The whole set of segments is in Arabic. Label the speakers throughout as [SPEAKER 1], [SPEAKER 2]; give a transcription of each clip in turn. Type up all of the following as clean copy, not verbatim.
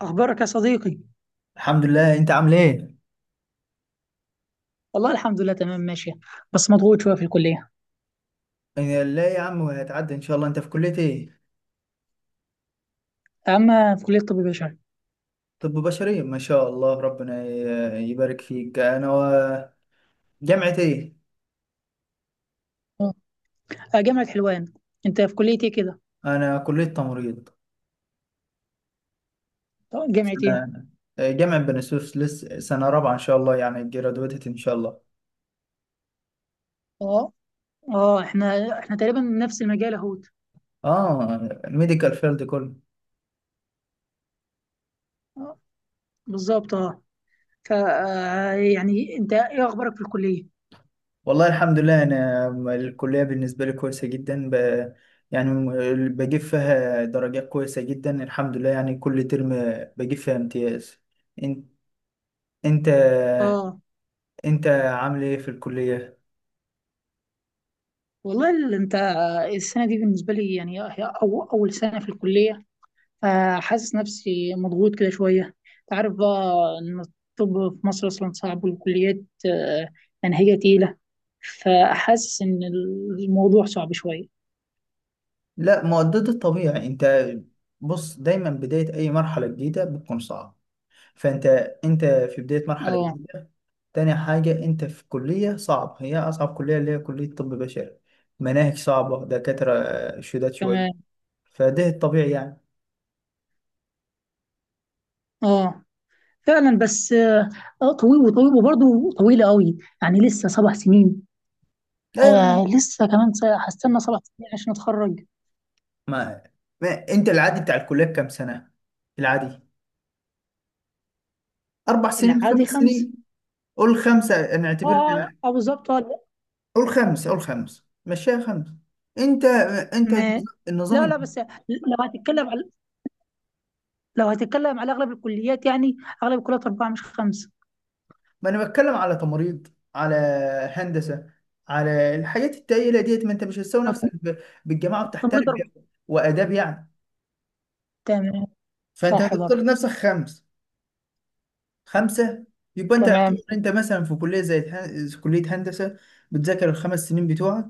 [SPEAKER 1] أخبارك يا صديقي؟
[SPEAKER 2] الحمد لله، انت عامل ايه؟
[SPEAKER 1] والله الحمد لله تمام ماشية، بس مضغوط شوية في الكلية.
[SPEAKER 2] إيه، لا يا عم، هتعدي ان شاء الله. انت في كلية ايه؟
[SPEAKER 1] أما في كلية طب بشري.
[SPEAKER 2] طب بشري، ما شاء الله، ربنا يبارك فيك. انا جامعة ايه؟
[SPEAKER 1] أه. آه، جامعة حلوان. أنت في كلية إيه كده؟
[SPEAKER 2] انا كلية تمريض.
[SPEAKER 1] طب جامعة إيه؟
[SPEAKER 2] سنة. جامعة بني سويف، لسه سنة رابعة ان شاء الله، يعني جرادويتد ان شاء الله.
[SPEAKER 1] أه. أه إحنا تقريبا من نفس المجال أهوت.
[SPEAKER 2] اه. الميديكال فيلد كله.
[SPEAKER 1] آه، بالظبط أه. ف يعني أنت إيه أخبارك في الكلية؟
[SPEAKER 2] والله الحمد لله. انا الكلية بالنسبة لي كويسة جدا، يعني بجيب فيها درجات كويسة جدا الحمد لله، يعني كل ترم بجيب فيها امتياز. إن- انت
[SPEAKER 1] أه.
[SPEAKER 2] انت عامل ايه في الكلية؟
[SPEAKER 1] والله أنت السنة دي بالنسبة لي يعني هي أو أول سنة في الكلية. فحاسس نفسي مضغوط كده شوية. انت عارف بقى إن الطب في مصر أصلا صعب والكليات آه، منهجة تقيلة. فحاسس إن الموضوع صعب شوية.
[SPEAKER 2] لا، مؤدد الطبيعي. انت بص، دايما بداية اي مرحلة جديدة بتكون صعبة. فانت في بداية مرحلة
[SPEAKER 1] اه،
[SPEAKER 2] جديدة. تاني حاجة، انت في كلية صعب، هي اصعب كلية اللي هي كلية طب بشري. مناهج صعبة، دكاترة شداد شوية.
[SPEAKER 1] تمام،
[SPEAKER 2] فده الطبيعي يعني.
[SPEAKER 1] اه، فعلا بس اه. طويل وطويل وبرضه طويلة قوي يعني لسه 7 سنين.
[SPEAKER 2] لا يا
[SPEAKER 1] آه
[SPEAKER 2] عم،
[SPEAKER 1] لسه كمان س- هستنى 7 سنين عشان اتخرج.
[SPEAKER 2] ما, ما انت العادي بتاع الكلية كام سنة؟ العادي 4 سنين،
[SPEAKER 1] العادي
[SPEAKER 2] خمس
[SPEAKER 1] خمس.
[SPEAKER 2] سنين قول خمسة
[SPEAKER 1] اه
[SPEAKER 2] نعتبر.
[SPEAKER 1] اه بالظبط لا.
[SPEAKER 2] قول خمس، قول خمس، مشيها خمس. انت انت
[SPEAKER 1] ما.
[SPEAKER 2] النظام
[SPEAKER 1] لا، لا،
[SPEAKER 2] الجديد.
[SPEAKER 1] بس لو هتتكلم على لو هتتكلم على اغلب الكليات يعني اغلب الكليات اربعه مش خمسه.
[SPEAKER 2] ما انا بتكلم على تمريض، على هندسه، على الحاجات التقيله ديت. ما انت مش هتساوي نفسك
[SPEAKER 1] مط-
[SPEAKER 2] بالجماعه بتاع
[SPEAKER 1] تمريض
[SPEAKER 2] تربيه
[SPEAKER 1] اربعه.
[SPEAKER 2] واداب يعني.
[SPEAKER 1] تمام.
[SPEAKER 2] فانت
[SPEAKER 1] صح
[SPEAKER 2] هتفترض
[SPEAKER 1] برضه.
[SPEAKER 2] نفسك خمس، خمسه. يبقى انت يعتبر
[SPEAKER 1] تمام
[SPEAKER 2] انت مثلا في كليه زي كليه هندسه، بتذاكر ال 5 سنين بتوعك،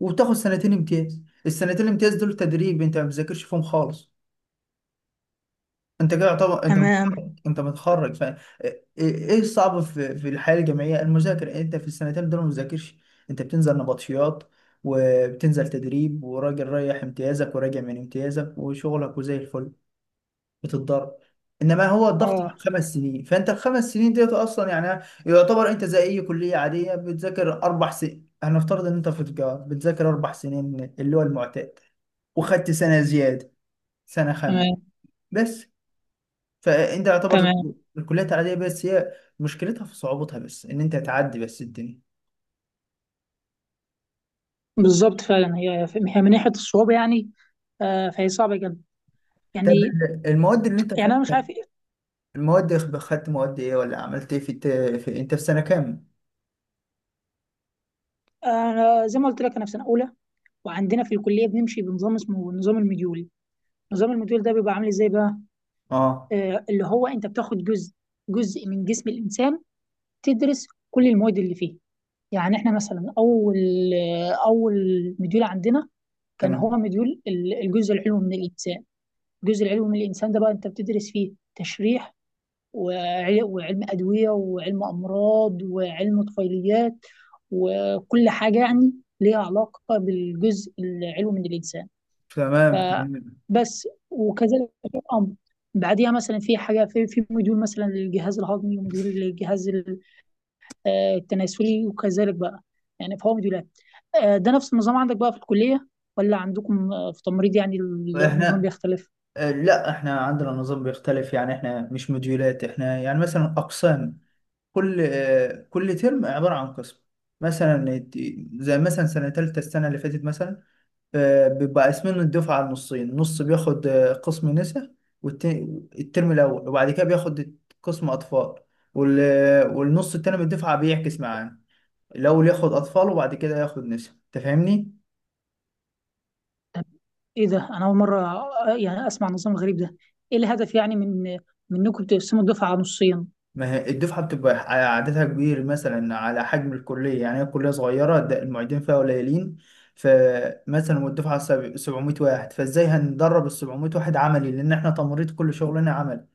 [SPEAKER 2] وبتاخد سنتين امتياز. السنتين الامتياز دول تدريب، انت ما بتذاكرش فيهم خالص. انت كده طبعا انت متخرج،
[SPEAKER 1] تمام.
[SPEAKER 2] انت متخرج ف ايه. إيه الصعب في الحياه الجامعيه؟ المذاكره، يعني انت في السنتين دول ما بتذاكرش. انت بتنزل نبطشيات، وبتنزل تدريب، وراجل رايح امتيازك وراجع من امتيازك، وشغلك وزي الفل. بتتضرب. انما هو الضغط في
[SPEAKER 1] اه،
[SPEAKER 2] ال 5 سنين، فانت ال 5 سنين ديت اصلا يعني يعتبر انت زي اي كليه عاديه بتذاكر 4 سنين. هنفترض ان انت في تجاره بتذاكر 4 سنين اللي هو المعتاد، وخدت سنه زياده، سنه خامسه
[SPEAKER 1] تمام
[SPEAKER 2] بس. فانت يعتبر
[SPEAKER 1] تمام،
[SPEAKER 2] الكليات العاديه بس هي مشكلتها في صعوبتها، بس ان انت تعدي بس الدنيا.
[SPEAKER 1] بالظبط فعلا. هي هي من ناحيه الصعوبه يعني فهي صعبه جدا
[SPEAKER 2] طب،
[SPEAKER 1] يعني
[SPEAKER 2] المواد اللي انت
[SPEAKER 1] يعني انا مش
[SPEAKER 2] خدتها،
[SPEAKER 1] عارف إيه.
[SPEAKER 2] المواد، خدت مواد ايه ولا عملت ايه انت في سنه كام؟
[SPEAKER 1] انا زي ما قلت لك، انا في سنه اولى وعندنا في الكليه بنمشي بنظام اسمه نظام المديول. نظام المديول ده بيبقى عامل ازاي بقى؟
[SPEAKER 2] اه،
[SPEAKER 1] اللي هو انت بتاخد جزء من جسم الانسان، تدرس كل المواد اللي فيه. يعني احنا مثلا اول مديول عندنا كان هو
[SPEAKER 2] تمام
[SPEAKER 1] مديول الجزء العلوي من الانسان. الجزء العلوي من الانسان ده بقى انت بتدرس فيه تشريح وعلم ادويه وعلم امراض وعلم طفيليات وكل حاجه يعني ليها علاقه بالجزء العلوي من الانسان.
[SPEAKER 2] تمام تمام.
[SPEAKER 1] فبس وكذلك الامر. بعديها مثلا في حاجه في مديول مثلا للجهاز الهضمي ومديول للجهاز التناسلي، وكذلك بقى يعني في هوامد ولاد. ده نفس النظام عندك بقى في الكلية، ولا عندكم في تمريض يعني النظام
[SPEAKER 2] احنا،
[SPEAKER 1] بيختلف؟
[SPEAKER 2] لا، احنا عندنا نظام بيختلف، يعني احنا مش موديولات، احنا يعني مثلا اقسام. كل ترم عباره عن قسم. مثلا زي مثلا سنه ثالثه، السنه اللي فاتت مثلا، بيبقى قاسمين الدفعة على النصين، نص بياخد قسم نساء والترم الأول، وبعد كده بياخد قسم أطفال. والنص التاني من الدفعة بيعكس معاه، الأول ياخد أطفال وبعد كده ياخد نساء. أنت فاهمني؟
[SPEAKER 1] طب ايه ده؟ انا اول مرة يعني اسمع النظام الغريب ده. ايه الهدف يعني من انكم تقسموا الدفعة على نصين؟
[SPEAKER 2] ما هي الدفعة بتبقى على عددها كبير مثلا على حجم الكلية، يعني هي الكلية صغيرة، ده المعيدين فيها قليلين. فمثلا والدفعة 700 واحد، فازاي هندرب ال 700 واحد عملي؟ لأن احنا تمريض كل شغلنا عملي.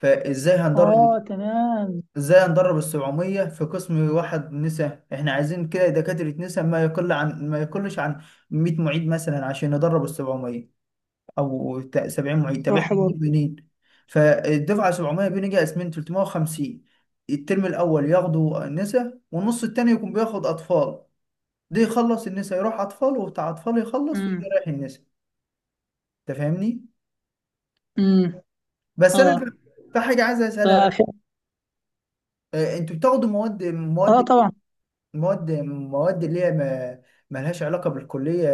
[SPEAKER 2] فازاي هندرب،
[SPEAKER 1] اه تمام.
[SPEAKER 2] ازاي ندرب ال 700 في قسم واحد نساء؟ احنا عايزين كده دكاترة نساء ما يقلش عن 100 معيد مثلا عشان ندرب ال 700، او 70 معيد. طب احنا
[SPEAKER 1] صح برضه.
[SPEAKER 2] بنجيب منين؟ فالدفعة 700 بنيجي قاسمين 350، الترم الاول ياخدوا نساء، والنص التاني يكون بياخد اطفال. ده يخلص النساء يروح اطفال، وبتاع اطفال يخلص ويجي
[SPEAKER 1] امم.
[SPEAKER 2] رايح النساء. انت فاهمني؟
[SPEAKER 1] امم.
[SPEAKER 2] بس انا
[SPEAKER 1] اه.
[SPEAKER 2] في حاجة عايز اسألها بقى.
[SPEAKER 1] فف...
[SPEAKER 2] انتوا بتاخدوا مواد
[SPEAKER 1] اه
[SPEAKER 2] مواد
[SPEAKER 1] طبعا.
[SPEAKER 2] مواد مواد اللي هي ما ملهاش علاقة بالكلية،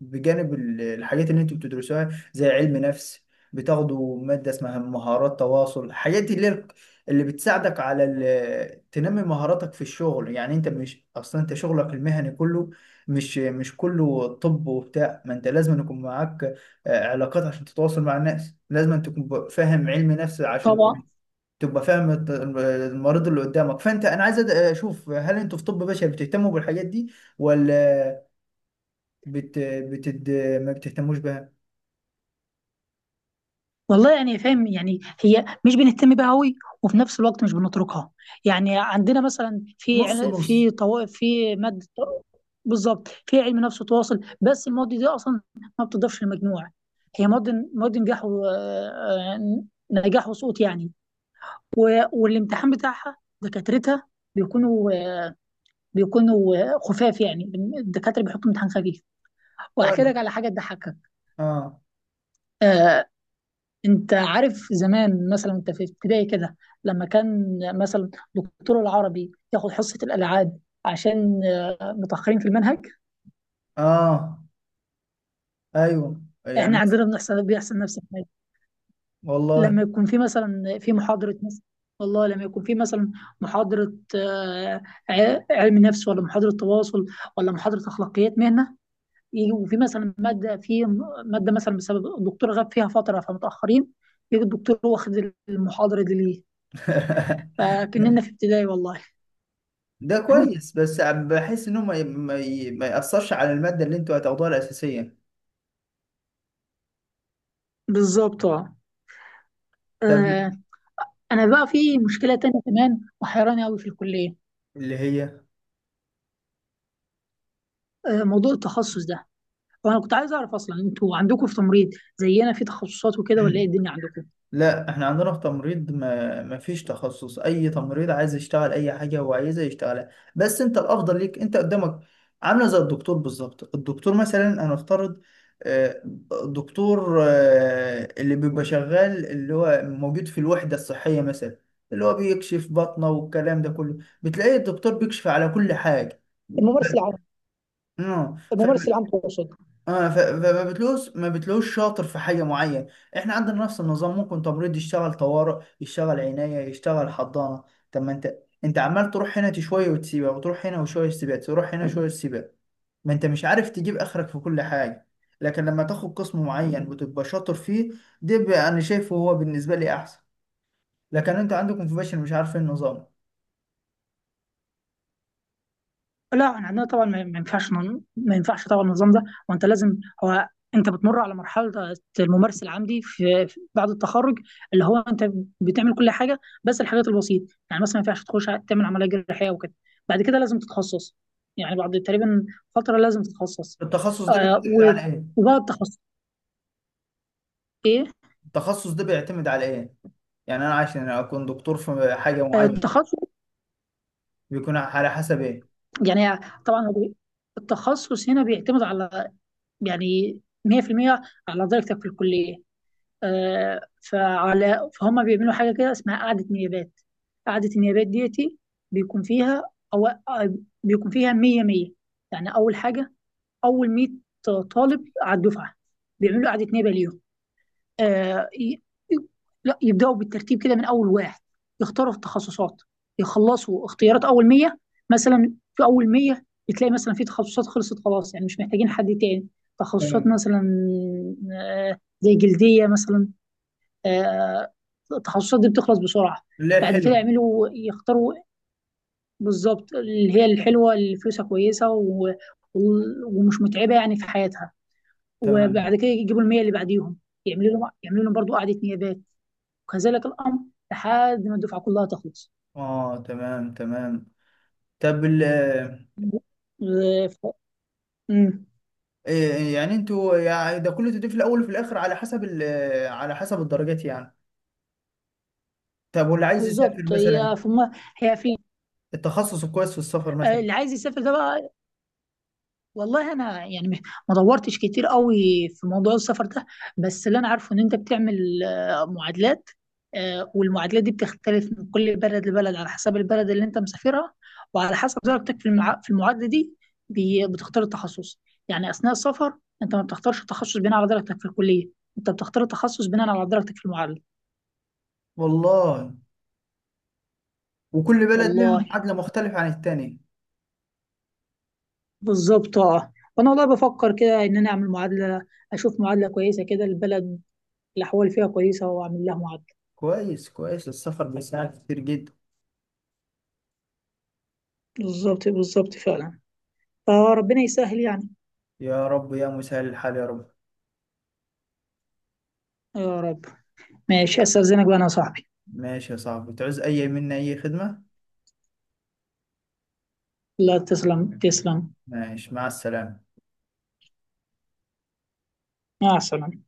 [SPEAKER 2] بجانب الحاجات اللي انتوا بتدرسوها زي علم نفس. بتاخدوا مادة اسمها مهارات تواصل. الحاجات دي اللي هي اللي بتساعدك على تنمي مهاراتك في الشغل. يعني انت مش اصلا انت شغلك المهني كله مش كله طب وبتاع، ما انت لازم يكون معاك علاقات عشان تتواصل مع الناس، لازم تكون فاهم علم نفس عشان
[SPEAKER 1] طبعا.
[SPEAKER 2] تبقى فاهم المريض اللي قدامك. فانت، انا عايز اشوف هل انتوا في طب بشري بتهتموا بالحاجات دي ولا بت... بتد... ما بتهتموش بها؟
[SPEAKER 1] والله يعني فاهم، يعني هي مش بنهتم بيها قوي وفي نفس الوقت مش بنتركها. يعني عندنا مثلا
[SPEAKER 2] نص نص.
[SPEAKER 1] في طوائف في ماده. بالظبط، في علم نفس وتواصل، بس المواد دي اصلا ما بتضافش للمجموع. هي مواد مواد نجاح و... آه، نجاح وسقوط يعني والامتحان بتاعها دكاترتها بيكونوا بيكونوا خفاف يعني. الدكاتره بيحطوا امتحان خفيف.
[SPEAKER 2] كويس.
[SPEAKER 1] واحكي لك على حاجه تضحكك.
[SPEAKER 2] اه.
[SPEAKER 1] آه، انت عارف زمان مثلا انت في ابتدائي كده، لما كان مثلا دكتور العربي ياخد حصة الالعاب عشان متأخرين في المنهج.
[SPEAKER 2] اه، ايوه يعني
[SPEAKER 1] احنا عندنا بيحصل نفس الحاجة
[SPEAKER 2] والله.
[SPEAKER 1] لما يكون في مثلا في محاضرة مثلا. والله لما يكون في مثلا محاضرة علم نفس، ولا محاضرة تواصل، ولا محاضرة أخلاقيات مهنة، يجي وفي مثلا مادة في مادة مثلا بسبب الدكتور غاب فيها فترة فمتأخرين، يجي الدكتور واخد المحاضرة دي ليه. فكأننا في ابتدائي والله.
[SPEAKER 2] ده كويس، بس بحس انه ما يأثرش على المادة اللي انتوا هتاخدوها الأساسية.
[SPEAKER 1] بالظبط اه.
[SPEAKER 2] طب،
[SPEAKER 1] آه، انا بقى في مشكله تانية كمان وحيراني قوي في الكليه،
[SPEAKER 2] اللي هي؟
[SPEAKER 1] موضوع التخصص ده. وانا كنت عايز اعرف اصلا انتوا عندكم في تمريض زينا في تخصصات وكده ولا ايه الدنيا عندكم؟
[SPEAKER 2] لا، احنا عندنا في تمريض ما فيش تخصص. اي تمريض عايز يشتغل اي حاجه هو عايزها يشتغلها. بس انت الافضل ليك انت قدامك، عامله زي الدكتور بالظبط. الدكتور مثلا هنفترض، آه، الدكتور اللي بيبقى شغال، اللي هو موجود في الوحده الصحيه مثلا، اللي هو بيكشف بطنه والكلام ده كله، بتلاقي الدكتور بيكشف على كل حاجه.
[SPEAKER 1] الممارس العام.
[SPEAKER 2] اه.
[SPEAKER 1] الممارس العام تقصد؟
[SPEAKER 2] اه. فما بتلوش ما بتلوش شاطر في حاجه معينه. احنا عندنا نفس النظام، ممكن تمريض يشتغل طوارئ، يشتغل عنايه، يشتغل حضانه. طب ما انت، انت عمال تروح هنا شويه وتسيبها، وتروح هنا وشويه تسيبها، تروح هنا شويه تسيبها. ما انت مش عارف تجيب اخرك في كل حاجه. لكن لما تاخد قسم معين وتبقى شاطر فيه، ده بقى انا شايفه هو بالنسبه لي احسن. لكن انت عندكم في باشا، مش عارفين النظام.
[SPEAKER 1] لا احنا عندنا طبعا ما ينفعش طبعا النظام ده. وانت لازم هو انت بتمر على مرحله الممارس العملي بعد التخرج، اللي هو انت بتعمل كل حاجه بس الحاجات البسيطه، يعني مثلا ما ينفعش تعمل عمليه جراحيه وكده. بعد كده لازم تتخصص، يعني بعد تقريبا فتره لازم تتخصص.
[SPEAKER 2] التخصص ده
[SPEAKER 1] آه
[SPEAKER 2] بيعتمد
[SPEAKER 1] و-
[SPEAKER 2] على ايه؟
[SPEAKER 1] وبقى التخصص ايه؟
[SPEAKER 2] التخصص ده بيعتمد على ايه؟ يعني انا عشان اكون دكتور في حاجه معينه،
[SPEAKER 1] التخصص
[SPEAKER 2] بيكون على حسب ايه؟
[SPEAKER 1] يعني طبعا التخصص هنا بيعتمد على، يعني 100% على درجتك في الكليه. فعلى فهم بيعملوا حاجة كده اسمها قعدة نيابات. قعدة النيابات ديتي بيكون فيها أو آه، بيكون فيها 100 100، يعني أول حاجة، أول 100 طالب على الدفعة بيعملوا قعدة نيابة ليهم. آه، ي- ي- لا يبدأوا بالترتيب كده من أول واحد يختاروا في التخصصات، يخلصوا اختيارات أول 100. مثلا في أول 100 بتلاقي مثلا في تخصصات خلصت خلاص يعني مش محتاجين حد تاني. تخصصات
[SPEAKER 2] تمام.
[SPEAKER 1] مثلا زي جلدية مثلا. آه، التخصصات دي بتخلص بسرعة.
[SPEAKER 2] اللي هي
[SPEAKER 1] بعد كده
[SPEAKER 2] الحلوة.
[SPEAKER 1] يعملوا يختاروا. بالظبط، اللي هي الحلوة، اللي فلوسها كويسة ومش متعبة يعني في حياتها.
[SPEAKER 2] تمام.
[SPEAKER 1] وبعد كده يجيبوا المية اللي بعديهم، يعملوا لهم برضه قعدة نيابات، وكذلك الأمر لحد ما الدفعة كلها تخلص.
[SPEAKER 2] اه، تمام تمام. طب ال آه،
[SPEAKER 1] آه، ف- مم.
[SPEAKER 2] إيه يعني انتوا يعني ده كله تضيف في الاول وفي الاخر على حسب ال آه، على حسب الدرجات يعني. طب، واللي عايز يسافر
[SPEAKER 1] بالظبط
[SPEAKER 2] مثلا؟
[SPEAKER 1] هي في م- هي في
[SPEAKER 2] التخصص الكويس في السفر
[SPEAKER 1] آه،
[SPEAKER 2] مثلا؟
[SPEAKER 1] اللي عايز يسافر ده بقى، والله انا يعني ما دورتش كتير قوي في موضوع السفر ده. بس اللي انا عارفه ان انت بتعمل معادلات، والمعادلات دي بتختلف من كل بلد لبلد على حسب البلد اللي انت مسافرها وعلى حسب درجتك في المعادله دي بتختار التخصص. يعني اثناء السفر انت ما بتختارش التخصص بناء على درجتك في الكليه، انت بتختار التخصص بناء على درجتك في المعادله.
[SPEAKER 2] والله. وكل بلد لها
[SPEAKER 1] والله
[SPEAKER 2] معادلة مختلفة عن التانية.
[SPEAKER 1] بالظبط اه. وانا والله بفكر كده ان انا اعمل معادله، اشوف معادله كويسه كده البلد الاحوال فيها كويسه واعمل لها معادله.
[SPEAKER 2] كويس كويس، السفر بيساعد كتير جدا.
[SPEAKER 1] بالظبط بالظبط فعلا، فربنا يسهل يعني.
[SPEAKER 2] يا رب، يا مسهل الحال، يا رب.
[SPEAKER 1] يا رب. ماشي، استاذنك بقى انا يا صاحبي.
[SPEAKER 2] ماشي يا صاحبي، تعوز اي منا اي خدمة.
[SPEAKER 1] لا، تسلم تسلم.
[SPEAKER 2] ماشي، مع السلامة.
[SPEAKER 1] مع السلامه.